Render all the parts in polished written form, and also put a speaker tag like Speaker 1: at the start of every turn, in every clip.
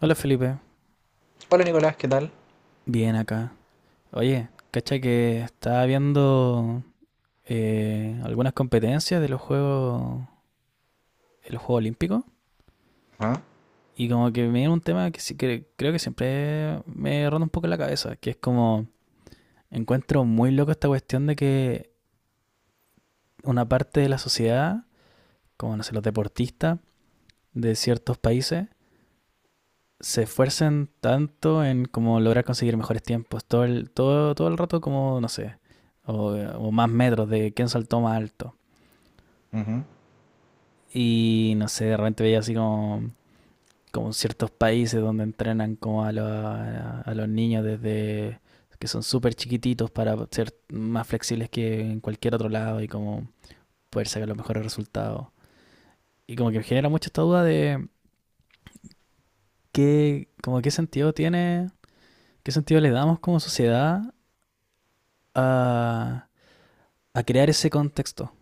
Speaker 1: Hola Felipe,
Speaker 2: Hola Nicolás, ¿qué tal?
Speaker 1: bien acá. Oye, cacha que estaba viendo algunas competencias de los Juegos Olímpicos
Speaker 2: Ajá,
Speaker 1: y como que me viene un tema que sí que creo que siempre me ronda un poco la cabeza, que es como encuentro muy loco esta cuestión de que una parte de la sociedad, como no sé, los deportistas de ciertos países, se esfuercen tanto en como lograr conseguir mejores tiempos. Todo el rato como, no sé, o más metros de quién saltó más alto.
Speaker 2: ujú.
Speaker 1: Y no sé, de repente veía así como ciertos países donde entrenan como a, lo- a los niños desde que son súper chiquititos para ser más flexibles que en cualquier otro lado y como poder sacar los mejores resultados. Y como que me genera mucho esta duda de qué, como qué sentido tiene, qué sentido le damos como sociedad a, a crear ese contexto.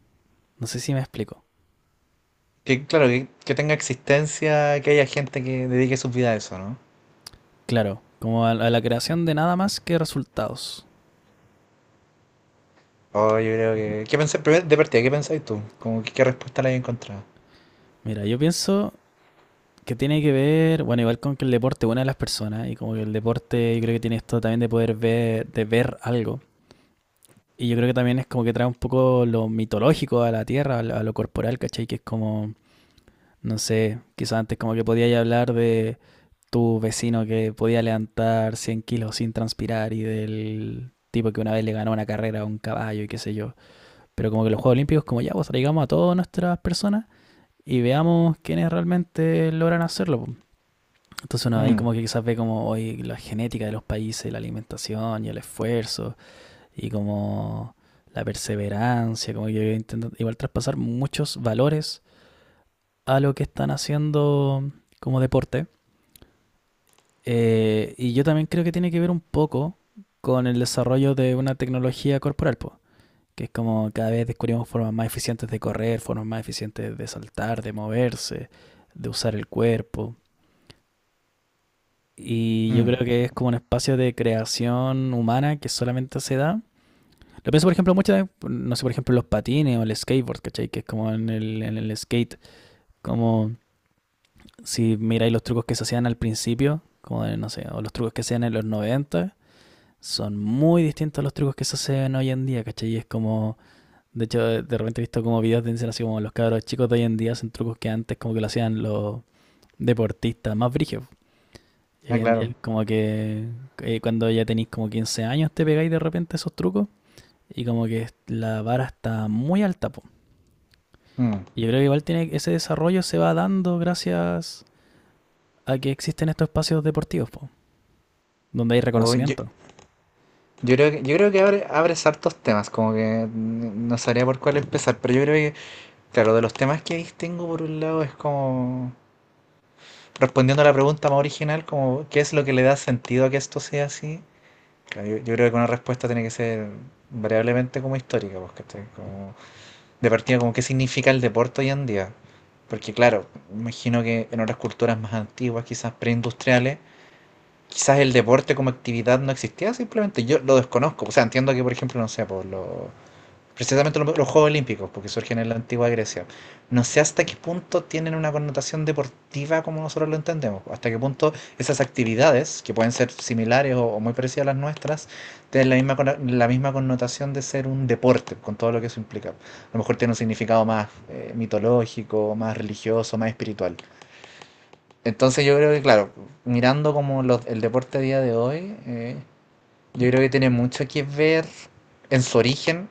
Speaker 1: No sé si me explico.
Speaker 2: Que claro, que tenga existencia, que haya gente que dedique su vida a eso, ¿no?
Speaker 1: Claro, como a la creación de nada más que resultados.
Speaker 2: Oh, yo creo que... ¿Qué pensé, primero, de partida, ¿qué pensáis tú? Como que, ¿qué respuesta le hayas encontrado?
Speaker 1: Mira, yo pienso que tiene que ver, bueno, igual con que el deporte une a las personas y como que el deporte yo creo que tiene esto también de poder ver, de ver algo. Y yo creo que también es como que trae un poco lo mitológico a la tierra, a lo corporal, ¿cachai? Que es como, no sé, quizás antes como que podíais hablar de tu vecino que podía levantar 100 kilos sin transpirar y del tipo que una vez le ganó una carrera a un caballo y qué sé yo. Pero como que los Juegos Olímpicos, como ya, pues traigamos a todas nuestras personas y veamos quiénes realmente logran hacerlo, pues. Entonces uno ahí
Speaker 2: Mm,
Speaker 1: como que quizás ve como hoy la genética de los países, la alimentación y el esfuerzo y como la perseverancia, como que intentan igual traspasar muchos valores a lo que están haciendo como deporte. Y yo también creo que tiene que ver un poco con el desarrollo de una tecnología corporal, po. Que es como cada vez descubrimos formas más eficientes de correr, formas más eficientes de saltar, de moverse, de usar el cuerpo. Y yo
Speaker 2: mm.
Speaker 1: creo que es como un espacio de creación humana que solamente se da. Lo pienso, por ejemplo, muchas, no sé, por ejemplo, los patines o el skateboard, ¿cachai? Que es como en el skate, como si miráis los trucos que se hacían al principio, como de, no sé, o los trucos que se hacían en los 90, son muy distintos a los trucos que se hacen hoy en día, ¿cachai? Y es como. De hecho, de repente he visto como videos de dicen así como los cabros chicos de hoy en día hacen trucos que antes como que lo hacían los deportistas más brígidos. Y hoy
Speaker 2: Ah,
Speaker 1: en día
Speaker 2: claro.
Speaker 1: como que cuando ya tenéis como 15 años te pegáis de repente esos trucos y como que la vara está muy alta, po.
Speaker 2: Mm.
Speaker 1: Y yo creo que igual tiene, ese desarrollo se va dando gracias a que existen estos espacios deportivos, po, donde hay
Speaker 2: Oh, yo,
Speaker 1: reconocimiento.
Speaker 2: yo creo que, yo creo que abres hartos temas, como que no sabría por cuál empezar, pero yo creo que, claro, de los temas que distingo por un lado es como, respondiendo a la pregunta más original, como, ¿qué es lo que le da sentido a que esto sea así? Claro, yo creo que una respuesta tiene que ser variablemente como histórica, pues, ¿cachai? Como, de partida, como qué significa el deporte hoy en día. Porque claro, imagino que en otras culturas más antiguas, quizás preindustriales, quizás el deporte como actividad no existía simplemente. Yo lo desconozco. O sea, entiendo que, por ejemplo, no sé, por los precisamente los Juegos Olímpicos, porque surgen en la antigua Grecia. No sé hasta qué punto tienen una connotación deportiva como nosotros lo entendemos, hasta qué punto esas actividades, que pueden ser similares o muy parecidas a las nuestras, tienen la misma, la misma connotación de ser un deporte, con todo lo que eso implica. A lo mejor tiene un significado más mitológico, más religioso, más espiritual. Entonces yo creo que, claro, mirando como el deporte a día de hoy, yo creo que tiene mucho que ver en su origen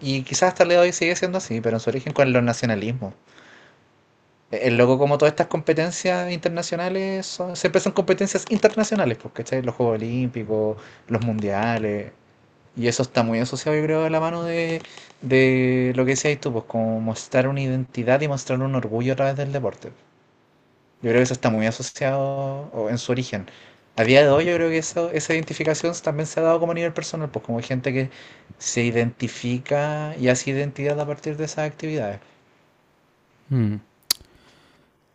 Speaker 2: y quizás hasta el día de hoy sigue siendo así, pero en su origen con los nacionalismos. El loco, como todas estas competencias internacionales, siempre son competencias internacionales, porque ¿cachai? Los Juegos Olímpicos, los Mundiales, y eso está muy asociado, yo creo, a la mano de lo que decías tú, pues como mostrar una identidad y mostrar un orgullo a través del deporte. Yo creo que eso está muy asociado o en su origen. A día de hoy yo creo que esa identificación también se ha dado como a nivel personal, pues como gente que se identifica y hace identidad a partir de esas actividades.
Speaker 1: Mm.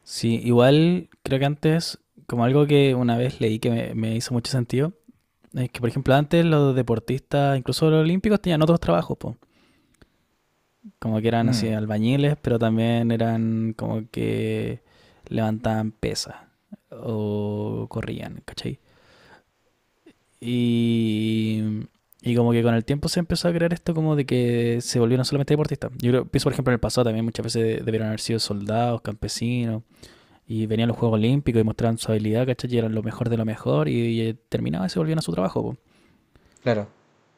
Speaker 1: Sí, igual creo que antes, como algo que una vez leí que me hizo mucho sentido, es que, por ejemplo, antes los deportistas, incluso los olímpicos, tenían otros trabajos, po. Como que eran así
Speaker 2: Mm,
Speaker 1: albañiles, pero también eran como que levantaban pesas o corrían, ¿cachai? Y, y como que con el tiempo se empezó a crear esto como de que se volvieron solamente deportistas. Yo creo, pienso, por ejemplo, en el pasado también muchas veces debieron haber sido soldados, campesinos, y venían los Juegos Olímpicos y mostraban su habilidad, ¿cachai? Y eran lo mejor de lo mejor y terminaban y se volvían a su trabajo, po.
Speaker 2: claro.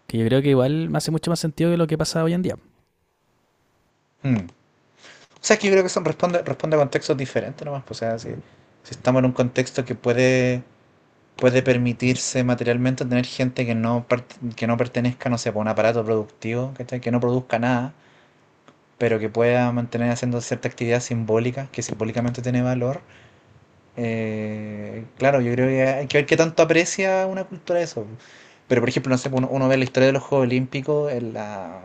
Speaker 1: Que yo creo que igual me hace mucho más sentido que lo que pasa hoy en día.
Speaker 2: Mm. O sea, es que yo creo que son responde, responde a contextos diferentes nomás, pues, o sea, si, si estamos en un contexto que puede, puede permitirse materialmente tener gente que no, que no pertenezca, no sé, pues, a un aparato productivo, ¿cachai? Que no produzca nada, pero que pueda mantener haciendo cierta actividad simbólica, que simbólicamente tiene valor. Claro, yo creo que hay que ver qué tanto aprecia una cultura eso. Pero, por ejemplo, no sé, uno, uno ve la historia de los Juegos Olímpicos en la,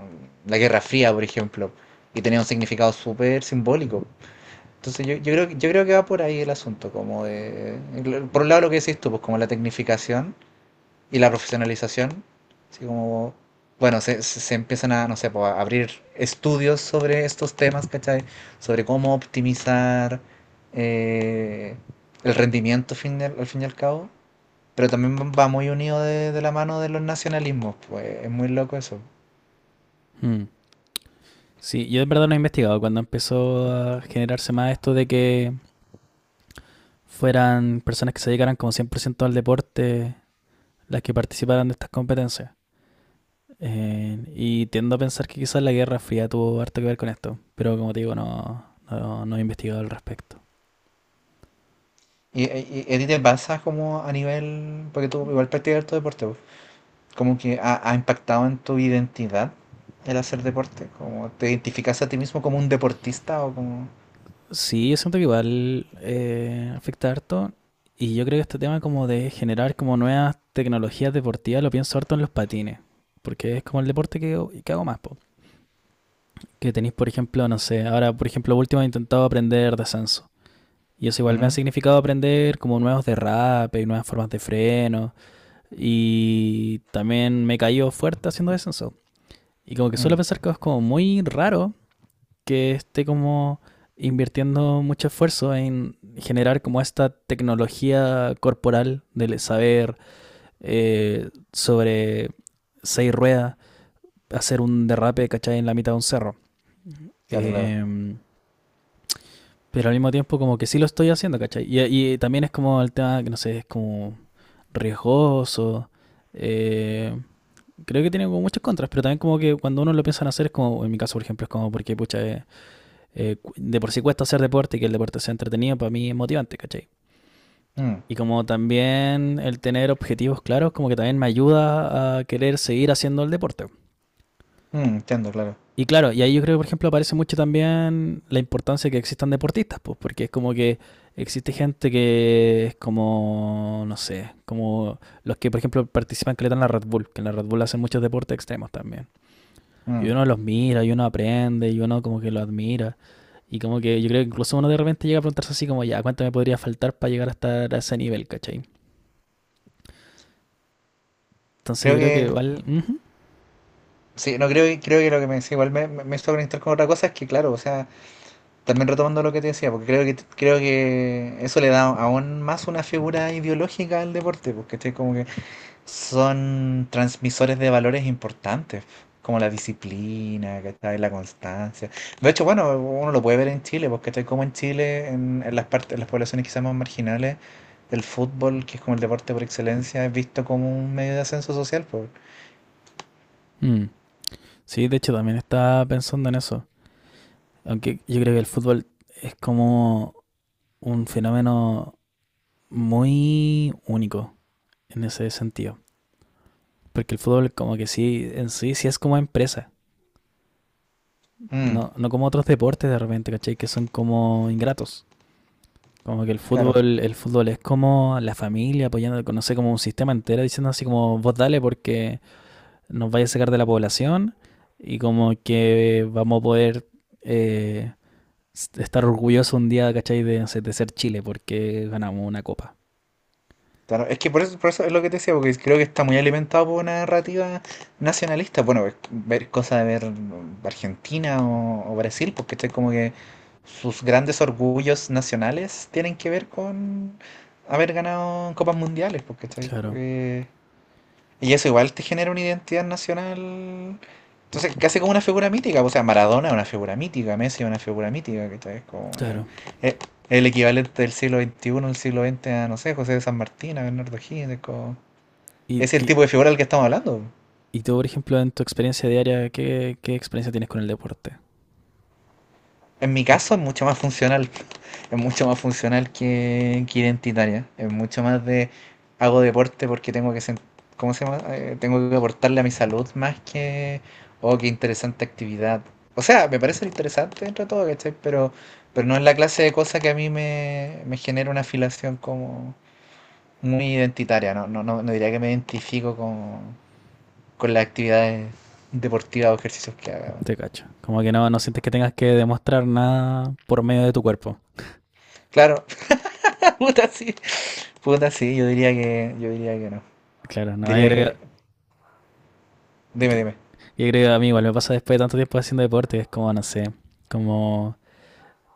Speaker 2: la Guerra Fría, por ejemplo, y tenía un significado súper simbólico. Entonces, yo creo, yo creo que va por ahí el asunto, como de, por un lado lo que decís tú, pues como la tecnificación, y la profesionalización. Así como, bueno, se, se empiezan a, no sé, po, a abrir estudios sobre estos temas, ¿cachai? Sobre cómo optimizar eh, el rendimiento al fin y al cabo. Pero también va muy unido de la mano de los nacionalismos, pues es muy loco eso.
Speaker 1: Mm. Sí, yo en verdad no he investigado cuando empezó a generarse más esto de que fueran personas que se dedicaran como 100% al deporte las que participaran de estas competencias. Y tiendo a pensar que quizás la Guerra Fría tuvo harto que ver con esto, pero como te digo, no, no, no he investigado al respecto.
Speaker 2: Y a ti te pasa como a nivel, porque tú igual practicas tu deporte, pues, como que ha, ha impactado en tu identidad el hacer deporte? ¿Como te identificas a ti mismo como un deportista o como...?
Speaker 1: Sí, yo siento que igual afecta harto. Y yo creo que este tema como de generar como nuevas tecnologías deportivas lo pienso harto en los patines. Porque es como el deporte que hago más, po. Que tenéis, por ejemplo, no sé, ahora, por ejemplo, último he intentado aprender descenso. Y eso igual me ha
Speaker 2: Ujú.
Speaker 1: significado aprender como nuevos derrapes y nuevas formas de freno. Y también me he caído fuerte haciendo descenso. Y como que suelo
Speaker 2: Mm,
Speaker 1: pensar que es como muy raro que esté como invirtiendo mucho esfuerzo en generar como esta tecnología corporal del saber sobre seis ruedas, hacer un derrape, ¿cachai? En la mitad de un cerro.
Speaker 2: claro, claro.
Speaker 1: Eh, pero al mismo tiempo como que sí lo estoy haciendo, ¿cachai? Y también es como el tema, que no sé, es como riesgoso. Eh, creo que tiene como muchas contras, pero también como que cuando uno lo piensa en hacer es como, en mi caso por ejemplo, es como porque pucha, de por sí cuesta hacer deporte y que el deporte sea entretenido, para mí es motivante, ¿cachai?
Speaker 2: Mm,
Speaker 1: Y como también el tener objetivos claros, como que también me ayuda a querer seguir haciendo el deporte.
Speaker 2: mm, entiendo, claro.
Speaker 1: Y claro, y ahí yo creo que, por ejemplo, aparece mucho también la importancia de que existan deportistas, pues, porque es como que existe gente que es como, no sé, como los que, por ejemplo, participan que le dan la Red Bull, que en la Red Bull hacen muchos deportes extremos también. Y
Speaker 2: Mm.
Speaker 1: uno los mira, y uno aprende, y uno como que lo admira. Y como que yo creo que incluso uno de repente llega a preguntarse así como, ya, ¿cuánto me podría faltar para llegar hasta a ese nivel, cachai? Entonces yo
Speaker 2: Creo
Speaker 1: creo que
Speaker 2: que,
Speaker 1: igual. Ujú,
Speaker 2: sí, no creo, creo que lo que me decía, igual me, me hizo conectar con otra cosa, es que claro, o sea, también retomando lo que te decía, porque creo que eso le da aún más una figura ideológica al deporte, porque estoy como que son transmisores de valores importantes, como la disciplina, ¿cachai? La constancia. De hecho, bueno, uno lo puede ver en Chile, porque ¿cachai? Como en Chile, en las partes, en las poblaciones quizás más marginales, el fútbol, que es como el deporte por excelencia, es visto como un medio de ascenso social, pues.
Speaker 1: mm. Sí, de hecho también estaba pensando en eso. Aunque yo creo que el fútbol es como un fenómeno muy único en ese sentido. Porque el fútbol como que sí, en sí, sí es como empresa.
Speaker 2: Mm,
Speaker 1: No, no como otros deportes de repente, ¿cachai? Que son como ingratos. Como que el
Speaker 2: claro.
Speaker 1: fútbol, el fútbol es como la familia apoyando, no sé, como un sistema entero diciendo así como vos dale porque nos vaya a sacar de la población y como que vamos a poder eh, estar orgullosos un día, ¿cachai? De, no sé, de ser Chile porque ganamos una copa.
Speaker 2: Claro, es que por eso es lo que te decía, porque creo que está muy alimentado por una narrativa nacionalista. Bueno, ver cosas de ver Argentina o Brasil, porque es como que sus grandes orgullos nacionales tienen que ver con haber ganado copas mundiales, porque
Speaker 1: Claro,
Speaker 2: y eso igual te genera una identidad nacional. Entonces, casi como una figura mítica. O sea, Maradona es una figura mítica, Messi es una figura mítica, ¿cachai? Es como,
Speaker 1: claro.
Speaker 2: eh, el equivalente del siglo XXI al siglo XX a, no sé, José de San Martín, a Bernardo O'Higgins. Es,
Speaker 1: Y,
Speaker 2: es el
Speaker 1: y,
Speaker 2: tipo de figura del que estamos hablando.
Speaker 1: y tú, por ejemplo, en tu experiencia diaria, ¿qué experiencia tienes con el deporte?
Speaker 2: En mi caso es mucho más funcional. Es mucho más funcional que identitaria. Es mucho más de hago deporte porque tengo que ¿cómo se llama? Tengo que aportarle a mi salud más que oh, qué interesante actividad. O sea, me parece interesante dentro de todo, ¿cachai? Pero no es la clase de cosa que a mí me, me genera una afilación como muy identitaria. No, no, no, no diría que me identifico con las actividades deportivas o ejercicios que haga.
Speaker 1: Te cacho. Como que no sientes que tengas que demostrar nada por medio de tu cuerpo.
Speaker 2: Claro, puta sí. Puta sí, yo diría que no.
Speaker 1: Claro, no,
Speaker 2: Diría que dime,
Speaker 1: que
Speaker 2: dime.
Speaker 1: Yo creo que a mí igual me pasa después de tanto tiempo haciendo deporte, es como, no sé, como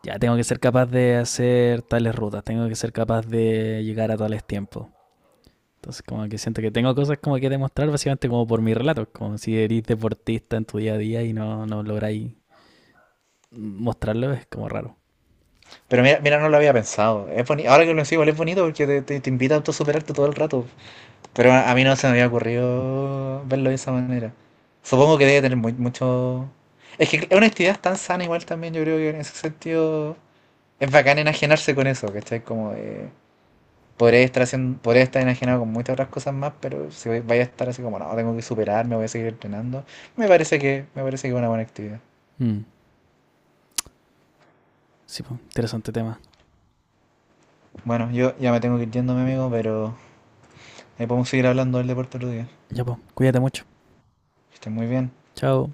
Speaker 1: ya tengo que ser capaz de hacer tales rutas, tengo que ser capaz de llegar a tales tiempos. Entonces como que siento que tengo cosas como que demostrar básicamente como por mi relato como si eres deportista en tu día a día y no lográis mostrarlo, es como raro.
Speaker 2: Pero mira, mira, no lo había pensado. Es ahora que lo sigo, es bonito porque te invita a autosuperarte todo el rato. Pero a mí no se me había ocurrido verlo de esa manera. Supongo que debe tener muy, mucho... Es que es una actividad tan sana igual también, yo creo que en ese sentido es bacán enajenarse con eso, ¿cachai? Como de... Podría estar, haciendo, podría estar enajenado con muchas otras cosas más, pero si vaya a estar así como, no, tengo que superarme, voy a seguir entrenando, me parece que es una buena actividad.
Speaker 1: Mm, sí, pues, interesante tema.
Speaker 2: Bueno, yo ya me tengo que ir yendo, mi amigo, pero ahí podemos seguir hablando del deporte otro día.
Speaker 1: Ya pues, cuídate mucho.
Speaker 2: Que estén muy bien.
Speaker 1: Chao.